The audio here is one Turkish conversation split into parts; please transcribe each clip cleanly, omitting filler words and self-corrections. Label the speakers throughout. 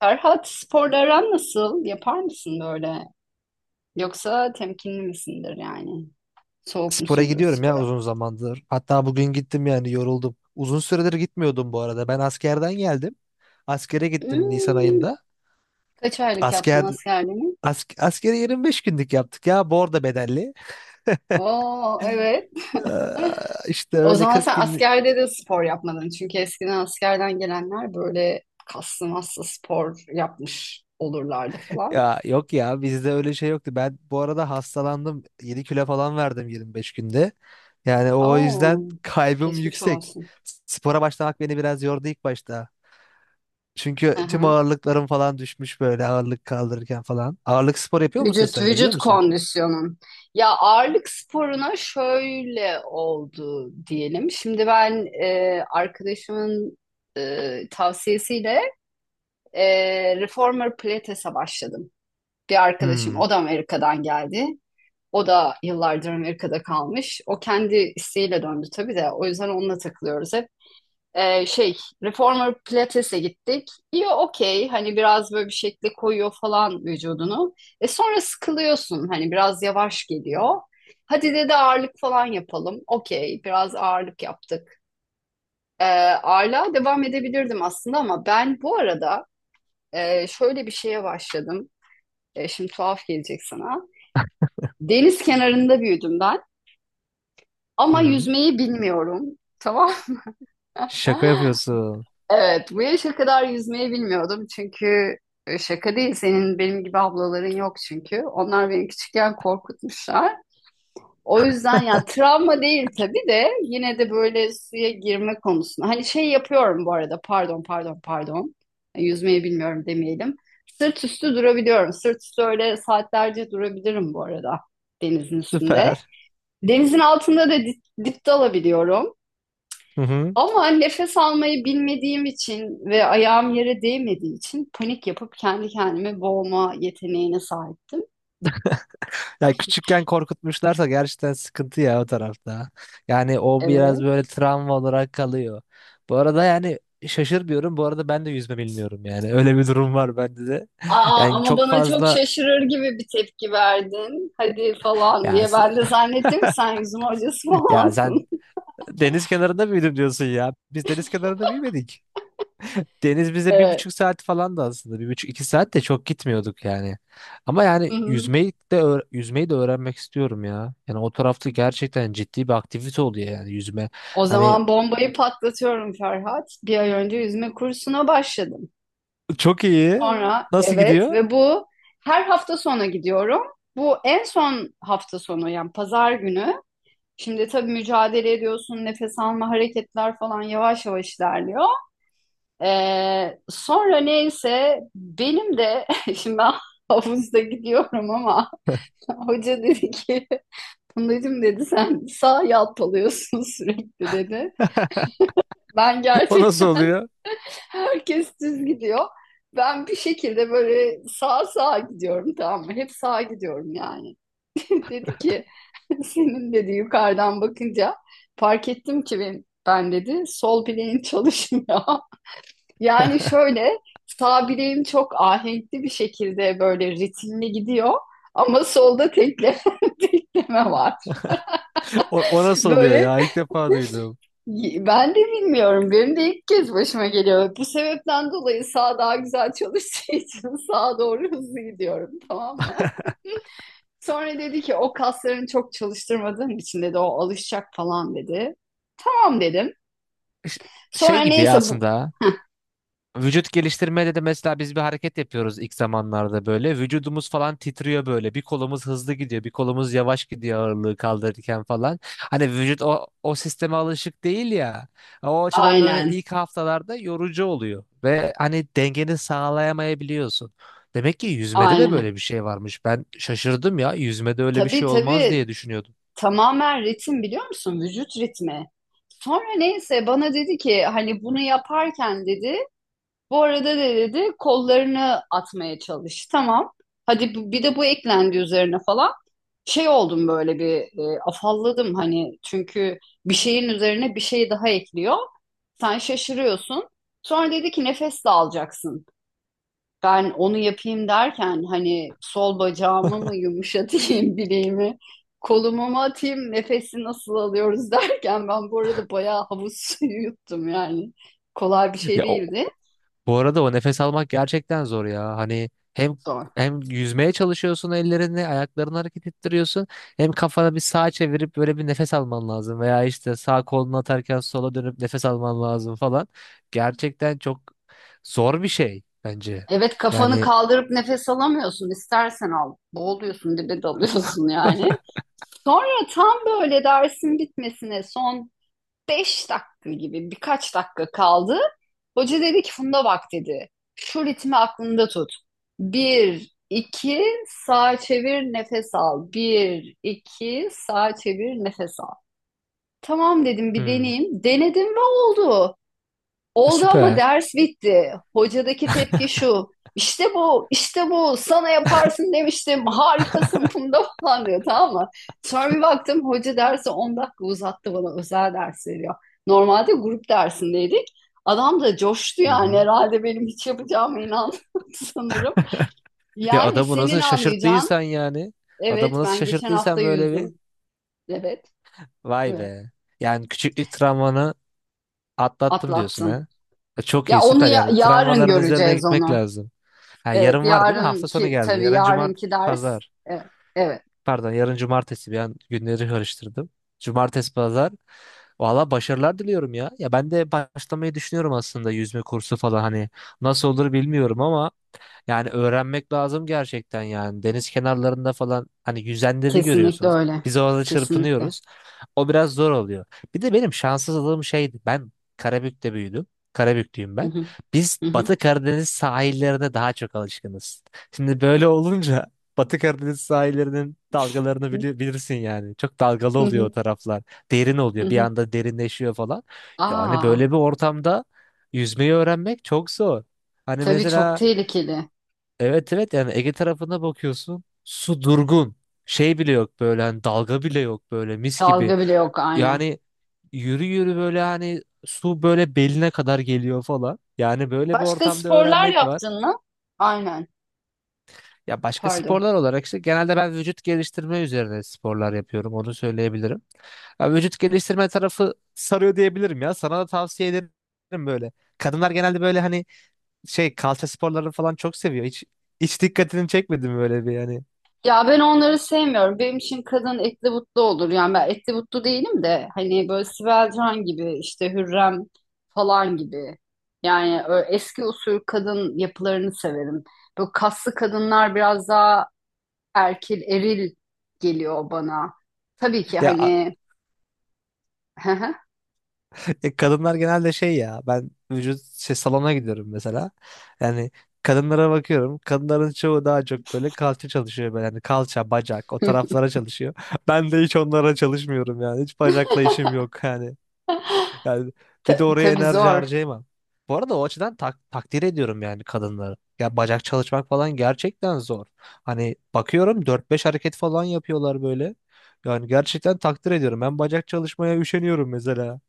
Speaker 1: Ferhat sporla aran nasıl? Yapar mısın böyle? Yoksa temkinli misindir yani? Soğuk
Speaker 2: Spora
Speaker 1: musundur
Speaker 2: gidiyorum ya
Speaker 1: spora?
Speaker 2: uzun zamandır. Hatta bugün gittim yani yoruldum. Uzun süredir gitmiyordum bu arada. Ben askerden geldim. Askere gittim Nisan
Speaker 1: Hmm,
Speaker 2: ayında.
Speaker 1: kaç aylık yaptın
Speaker 2: Asker
Speaker 1: askerliğini?
Speaker 2: askeri 25 günlük yaptık ya. Bu arada bedelli.
Speaker 1: Oo evet.
Speaker 2: Ee, işte
Speaker 1: O
Speaker 2: öyle
Speaker 1: zaman
Speaker 2: 40
Speaker 1: sen
Speaker 2: günlük.
Speaker 1: askerde de spor yapmadın. Çünkü eskiden askerden gelenler böyle kaslı maslı spor yapmış olurlardı falan.
Speaker 2: Ya yok ya bizde öyle şey yoktu. Ben bu arada hastalandım. 7 kilo falan verdim 25 günde. Yani o
Speaker 1: Oo
Speaker 2: yüzden kaybım
Speaker 1: geçmiş
Speaker 2: yüksek.
Speaker 1: olsun.
Speaker 2: Spora başlamak beni biraz yordu ilk başta. Çünkü tüm ağırlıklarım falan düşmüş böyle ağırlık kaldırırken falan. Ağırlık spor yapıyor musun
Speaker 1: Vücut
Speaker 2: sen? Gidiyor
Speaker 1: vücut
Speaker 2: musun?
Speaker 1: kondisyonun. Ya ağırlık sporuna şöyle oldu diyelim. Şimdi ben arkadaşımın tavsiyesiyle e, Reformer Pilates'e başladım. Bir arkadaşım
Speaker 2: Hmm.
Speaker 1: o da Amerika'dan geldi. O da yıllardır Amerika'da kalmış. O kendi isteğiyle döndü tabii de. O yüzden onunla takılıyoruz hep. Şey Reformer Pilates'e gittik. İyi okey hani biraz böyle bir şekilde koyuyor falan vücudunu. Sonra sıkılıyorsun hani biraz yavaş geliyor. Hadi dedi ağırlık falan yapalım. Okey biraz ağırlık yaptık. Ee, Ağırlığa devam edebilirdim aslında ama ben bu arada şöyle bir şeye başladım. Şimdi tuhaf gelecek sana. Deniz kenarında büyüdüm ben
Speaker 2: Hı
Speaker 1: ama
Speaker 2: hı.
Speaker 1: yüzmeyi bilmiyorum. Tamam.
Speaker 2: Şaka yapıyorsun.
Speaker 1: Evet, bu yaşa kadar yüzmeyi bilmiyordum çünkü şaka değil senin benim gibi ablaların yok çünkü. Onlar beni küçükken korkutmuşlar. O yüzden ya travma değil tabii de yine de böyle suya girme konusunda. Hani şey yapıyorum bu arada pardon pardon pardon. Yüzmeyi bilmiyorum demeyelim. Sırt üstü durabiliyorum. Sırt üstü öyle saatlerce durabilirim bu arada denizin üstünde.
Speaker 2: Süper.
Speaker 1: Denizin altında da dip dalabiliyorum.
Speaker 2: Hı hı.
Speaker 1: Ama nefes almayı bilmediğim için ve ayağım yere değmediği için panik yapıp kendi kendimi boğma yeteneğine sahiptim.
Speaker 2: Ya küçükken korkutmuşlarsa gerçekten sıkıntı ya o tarafta. Yani o biraz
Speaker 1: Evet.
Speaker 2: böyle travma olarak kalıyor. Bu arada yani şaşırmıyorum. Bu arada ben de yüzme bilmiyorum yani. Öyle bir durum var bende de.
Speaker 1: Aa,
Speaker 2: Yani
Speaker 1: ama
Speaker 2: çok
Speaker 1: bana çok
Speaker 2: fazla
Speaker 1: şaşırır gibi bir tepki verdin. Hadi falan
Speaker 2: ya
Speaker 1: diye.
Speaker 2: s-
Speaker 1: Ben de zannettim ki sen yüzme hocası
Speaker 2: ya sen
Speaker 1: falansın.
Speaker 2: deniz kenarında büyüdüm diyorsun ya. Biz deniz kenarında büyümedik. Deniz bize bir
Speaker 1: Evet.
Speaker 2: buçuk saat falan da aslında bir buçuk iki saat de çok gitmiyorduk yani. Ama yani
Speaker 1: Hı-hı.
Speaker 2: yüzmeyi de öğrenmek istiyorum ya. Yani o tarafta gerçekten ciddi bir aktivite oluyor yani yüzme.
Speaker 1: O
Speaker 2: Hani
Speaker 1: zaman bombayı patlatıyorum Ferhat. Bir ay önce yüzme kursuna başladım.
Speaker 2: çok iyi.
Speaker 1: Sonra
Speaker 2: Nasıl
Speaker 1: evet
Speaker 2: gidiyor?
Speaker 1: ve bu her hafta sonu gidiyorum. Bu en son hafta sonu yani pazar günü. Şimdi tabii mücadele ediyorsun, nefes alma, hareketler falan yavaş yavaş ilerliyor. Sonra neyse benim de şimdi ben havuzda gidiyorum ama hoca dedi ki Fındacığım dedi sen sağ yalpalıyorsun sürekli dedi. Ben
Speaker 2: O nasıl
Speaker 1: gerçekten
Speaker 2: oluyor?
Speaker 1: herkes düz gidiyor. Ben bir şekilde böyle sağa sağa gidiyorum, tamam mı? Hep sağa gidiyorum yani. Dedi ki senin dedi yukarıdan bakınca fark ettim ki ben dedi sol bileğin çalışmıyor. Yani şöyle sağ bileğim çok ahenkli bir şekilde böyle ritimli gidiyor ama solda tekleme var.
Speaker 2: O, nasıl oluyor
Speaker 1: Böyle
Speaker 2: ya? İlk defa duydum.
Speaker 1: ben de bilmiyorum, benim de ilk kez başıma geliyor. Bu sebepten dolayı sağ daha güzel çalıştığı için sağa doğru hızlı gidiyorum, tamam mı? Sonra dedi ki o kaslarını çok çalıştırmadığın için dedi o alışacak falan dedi. Tamam dedim.
Speaker 2: Ş-
Speaker 1: Sonra
Speaker 2: Şey gibi ya
Speaker 1: neyse bu.
Speaker 2: aslında.
Speaker 1: Heh,
Speaker 2: Vücut geliştirmede de mesela biz bir hareket yapıyoruz ilk zamanlarda böyle. Vücudumuz falan titriyor böyle. Bir kolumuz hızlı gidiyor, bir kolumuz yavaş gidiyor ağırlığı kaldırırken falan. Hani vücut o sisteme alışık değil ya. O açıdan böyle
Speaker 1: aynen.
Speaker 2: ilk haftalarda yorucu oluyor. Ve hani dengeni sağlayamayabiliyorsun. Demek ki yüzmede de
Speaker 1: Aynen.
Speaker 2: böyle bir şey varmış. Ben şaşırdım ya. Yüzmede öyle bir
Speaker 1: Tabii
Speaker 2: şey olmaz
Speaker 1: tabii,
Speaker 2: diye düşünüyordum.
Speaker 1: tamamen ritim, biliyor musun? Vücut ritmi. Sonra neyse bana dedi ki hani bunu yaparken dedi bu arada de dedi kollarını atmaya çalış. Tamam. Hadi bir de bu eklendi üzerine falan. Şey oldum böyle bir, afalladım hani, çünkü bir şeyin üzerine bir şey daha ekliyor. Sen şaşırıyorsun. Sonra dedi ki nefes de alacaksın. Ben onu yapayım derken hani sol bacağımı mı yumuşatayım bileğimi, kolumu mu atayım, nefesi nasıl alıyoruz derken ben bu arada bayağı havuz suyu yuttum yani. Kolay bir şey
Speaker 2: Ya o,
Speaker 1: değildi.
Speaker 2: Bu arada o nefes almak gerçekten zor ya. Hani hem
Speaker 1: Zor.
Speaker 2: hem yüzmeye çalışıyorsun ellerini, ayaklarını hareket ettiriyorsun. Hem kafana bir sağa çevirip böyle bir nefes alman lazım. Veya işte sağ kolunu atarken sola dönüp nefes alman lazım falan. Gerçekten çok zor bir şey bence.
Speaker 1: Evet, kafanı
Speaker 2: Yani
Speaker 1: kaldırıp nefes alamıyorsun. İstersen al. Boğuluyorsun, dibe dalıyorsun yani. Sonra tam böyle dersin bitmesine son 5 dakika gibi birkaç dakika kaldı. Hoca dedi ki Funda bak dedi. Şu ritmi aklında tut. Bir 2 sağa çevir nefes al. Bir 2 sağa çevir nefes al. Tamam dedim, bir
Speaker 2: hmm,
Speaker 1: deneyeyim. Denedim ve oldu. Oldu ama
Speaker 2: süper.
Speaker 1: ders bitti. Hocadaki tepki şu: İşte bu, işte bu. Sana yaparsın demiştim. Harikasın Funda falan diyor, tamam mı? Sonra bir baktım hoca dersi 10 dakika uzattı bana. Özel ders veriyor. Normalde grup dersindeydik. Adam da coştu
Speaker 2: Hı
Speaker 1: yani,
Speaker 2: hı.
Speaker 1: herhalde benim hiç yapacağıma inandı sanırım.
Speaker 2: Ya
Speaker 1: Yani
Speaker 2: adamı
Speaker 1: senin
Speaker 2: nasıl
Speaker 1: anlayacağın
Speaker 2: şaşırttıysan yani. Adamı
Speaker 1: evet,
Speaker 2: nasıl
Speaker 1: ben geçen hafta
Speaker 2: şaşırttıysan böyle bir.
Speaker 1: yüzdüm. Evet,
Speaker 2: Vay
Speaker 1: evet,
Speaker 2: be. Yani küçüklük travmanı atlattım diyorsun
Speaker 1: atlattım.
Speaker 2: ha. Çok
Speaker 1: Ya
Speaker 2: iyi
Speaker 1: onu
Speaker 2: süper yani
Speaker 1: yarın
Speaker 2: travmaların üzerine
Speaker 1: göreceğiz
Speaker 2: gitmek
Speaker 1: onu.
Speaker 2: lazım. Ha,
Speaker 1: Evet,
Speaker 2: yarın var değil mi? Hafta sonu
Speaker 1: yarınki,
Speaker 2: geldi.
Speaker 1: tabii
Speaker 2: Yarın cumart
Speaker 1: yarınki ders.
Speaker 2: pazar.
Speaker 1: Evet, evet,
Speaker 2: Pardon yarın cumartesi bir an günleri karıştırdım. Cumartesi pazar. Valla başarılar diliyorum ya. Ya ben de başlamayı düşünüyorum aslında yüzme kursu falan hani. Nasıl olur bilmiyorum ama yani öğrenmek lazım gerçekten yani. Deniz kenarlarında falan hani yüzenleri
Speaker 1: kesinlikle
Speaker 2: görüyorsunuz.
Speaker 1: öyle.
Speaker 2: Biz orada
Speaker 1: Kesinlikle.
Speaker 2: çırpınıyoruz. O biraz zor oluyor. Bir de benim şanssızlığım şeydi. Ben Karabük'te büyüdüm. Karabüklüyüm
Speaker 1: Hı
Speaker 2: ben.
Speaker 1: hı,
Speaker 2: Biz
Speaker 1: hı hı,
Speaker 2: Batı Karadeniz sahillerine daha çok alışkınız. Şimdi böyle olunca Batı Karadeniz sahillerinin dalgalarını bilirsin yani. Çok dalgalı
Speaker 1: hı
Speaker 2: oluyor o
Speaker 1: hı,
Speaker 2: taraflar. Derin
Speaker 1: hı
Speaker 2: oluyor. Bir
Speaker 1: hı.
Speaker 2: anda derinleşiyor falan. Yani
Speaker 1: Aa,
Speaker 2: böyle bir ortamda yüzmeyi öğrenmek çok zor. Hani
Speaker 1: tabii çok
Speaker 2: mesela
Speaker 1: tehlikeli.
Speaker 2: evet evet yani Ege tarafına bakıyorsun su durgun, şey bile yok böyle, hani dalga bile yok böyle mis gibi.
Speaker 1: Dalga bile yok, aynen.
Speaker 2: Yani yürü yürü böyle hani su böyle beline kadar geliyor falan. Yani böyle bir
Speaker 1: Başka
Speaker 2: ortamda
Speaker 1: sporlar
Speaker 2: öğrenmek var.
Speaker 1: yaptın mı? Aynen.
Speaker 2: Ya başka
Speaker 1: Pardon.
Speaker 2: sporlar olarak işte genelde ben vücut geliştirme üzerine sporlar yapıyorum, onu söyleyebilirim. Ya vücut geliştirme tarafı sarıyor diyebilirim, ya sana da tavsiye ederim. Böyle kadınlar genelde böyle, hani şey, kalça sporlarını falan çok seviyor, hiç dikkatini çekmedim böyle bir yani.
Speaker 1: Ya ben onları sevmiyorum. Benim için kadın etli butlu olur. Yani ben etli butlu değilim de hani böyle Sibel Can gibi, işte Hürrem falan gibi. Yani eski usul kadın yapılarını severim. Böyle kaslı kadınlar biraz daha erkil, eril geliyor bana. Tabii ki
Speaker 2: Ya
Speaker 1: hani.
Speaker 2: Kadınlar genelde şey, ya ben vücut şey, salona gidiyorum mesela. Yani kadınlara bakıyorum. Kadınların çoğu daha çok böyle kalça çalışıyor böyle. Yani kalça, bacak o taraflara çalışıyor. Ben de hiç onlara çalışmıyorum yani. Hiç bacakla işim yok yani. Yani bir de oraya
Speaker 1: Tabii
Speaker 2: enerji
Speaker 1: zor.
Speaker 2: harcayamam. Bu arada o açıdan takdir ediyorum yani kadınları. Ya bacak çalışmak falan gerçekten zor. Hani bakıyorum 4 5 hareket falan yapıyorlar böyle. Yani gerçekten takdir ediyorum. Ben bacak çalışmaya üşeniyorum mesela.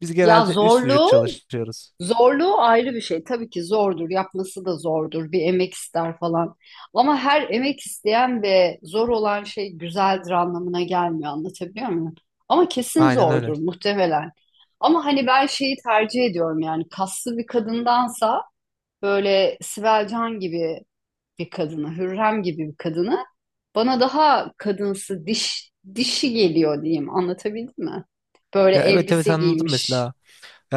Speaker 2: Biz
Speaker 1: Ya
Speaker 2: genelde üst vücut
Speaker 1: zorluğu
Speaker 2: çalışıyoruz.
Speaker 1: Zorluğu ayrı bir şey. Tabii ki zordur, yapması da zordur. Bir emek ister falan. Ama her emek isteyen ve zor olan şey güzeldir anlamına gelmiyor. Anlatabiliyor muyum? Ama kesin
Speaker 2: Aynen öyle.
Speaker 1: zordur muhtemelen. Ama hani ben şeyi tercih ediyorum yani, kaslı bir kadındansa böyle Sibel Can gibi bir kadını, Hürrem gibi bir kadını bana daha kadınsı, dişi geliyor diyeyim. Anlatabildim mi? Böyle
Speaker 2: Ya evet evet
Speaker 1: elbise
Speaker 2: anladım
Speaker 1: giymiş.
Speaker 2: mesela.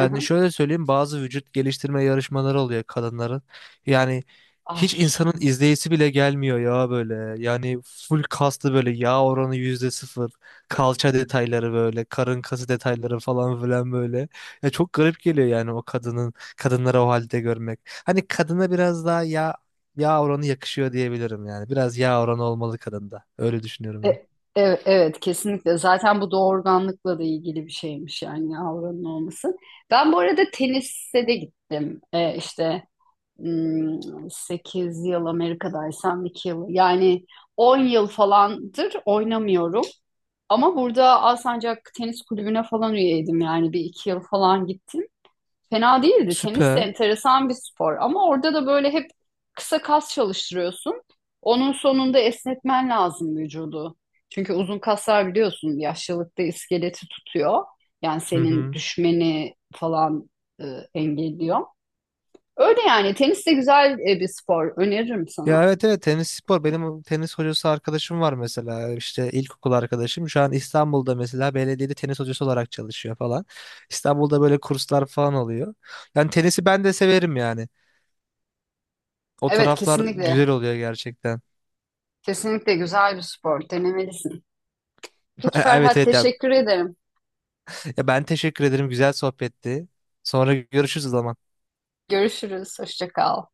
Speaker 1: Hı hı.
Speaker 2: şöyle söyleyeyim, bazı vücut geliştirme yarışmaları oluyor kadınların. Yani
Speaker 1: Ay.
Speaker 2: hiç insanın izleyisi bile gelmiyor ya böyle. Yani full kaslı böyle, yağ oranı %0. Kalça detayları böyle. Karın kası detayları falan filan böyle. Ya çok garip geliyor yani o kadının kadınları o halde görmek. Hani kadına biraz daha yağ oranı yakışıyor diyebilirim yani. Biraz yağ oranı olmalı kadında. Öyle düşünüyorum
Speaker 1: E-
Speaker 2: ben.
Speaker 1: Evet, kesinlikle. Zaten bu doğurganlıkla da ilgili bir şeymiş yani, avranın olması. Ben bu arada tenise de gittim. İşte 8 yıl Amerika'daysam 2 yıl yani 10 yıl falandır oynamıyorum. Ama burada Alsancak Tenis Kulübü'ne falan üyeydim, yani bir iki yıl falan gittim. Fena değildi. Tenis de
Speaker 2: Süper.
Speaker 1: enteresan bir spor, ama orada da böyle hep kısa kas çalıştırıyorsun. Onun sonunda esnetmen lazım vücudu. Çünkü uzun kaslar biliyorsun yaşlılıkta iskeleti tutuyor. Yani
Speaker 2: Hı
Speaker 1: senin
Speaker 2: hı.
Speaker 1: düşmeni falan e, engelliyor. Öyle yani, tenis de güzel bir spor. Öneririm sana.
Speaker 2: Ya evet evet tenis spor, benim tenis hocası arkadaşım var mesela, işte ilkokul arkadaşım şu an İstanbul'da mesela belediyede tenis hocası olarak çalışıyor falan. İstanbul'da böyle kurslar falan oluyor. Yani tenisi ben de severim yani. O
Speaker 1: Evet,
Speaker 2: taraflar
Speaker 1: kesinlikle.
Speaker 2: güzel oluyor gerçekten.
Speaker 1: Kesinlikle güzel bir spor. Denemelisin. Peki
Speaker 2: Evet
Speaker 1: Ferhat,
Speaker 2: evet ya.
Speaker 1: teşekkür ederim.
Speaker 2: Ya ben teşekkür ederim, güzel sohbetti. Sonra görüşürüz o zaman.
Speaker 1: Görüşürüz. Hoşça kal.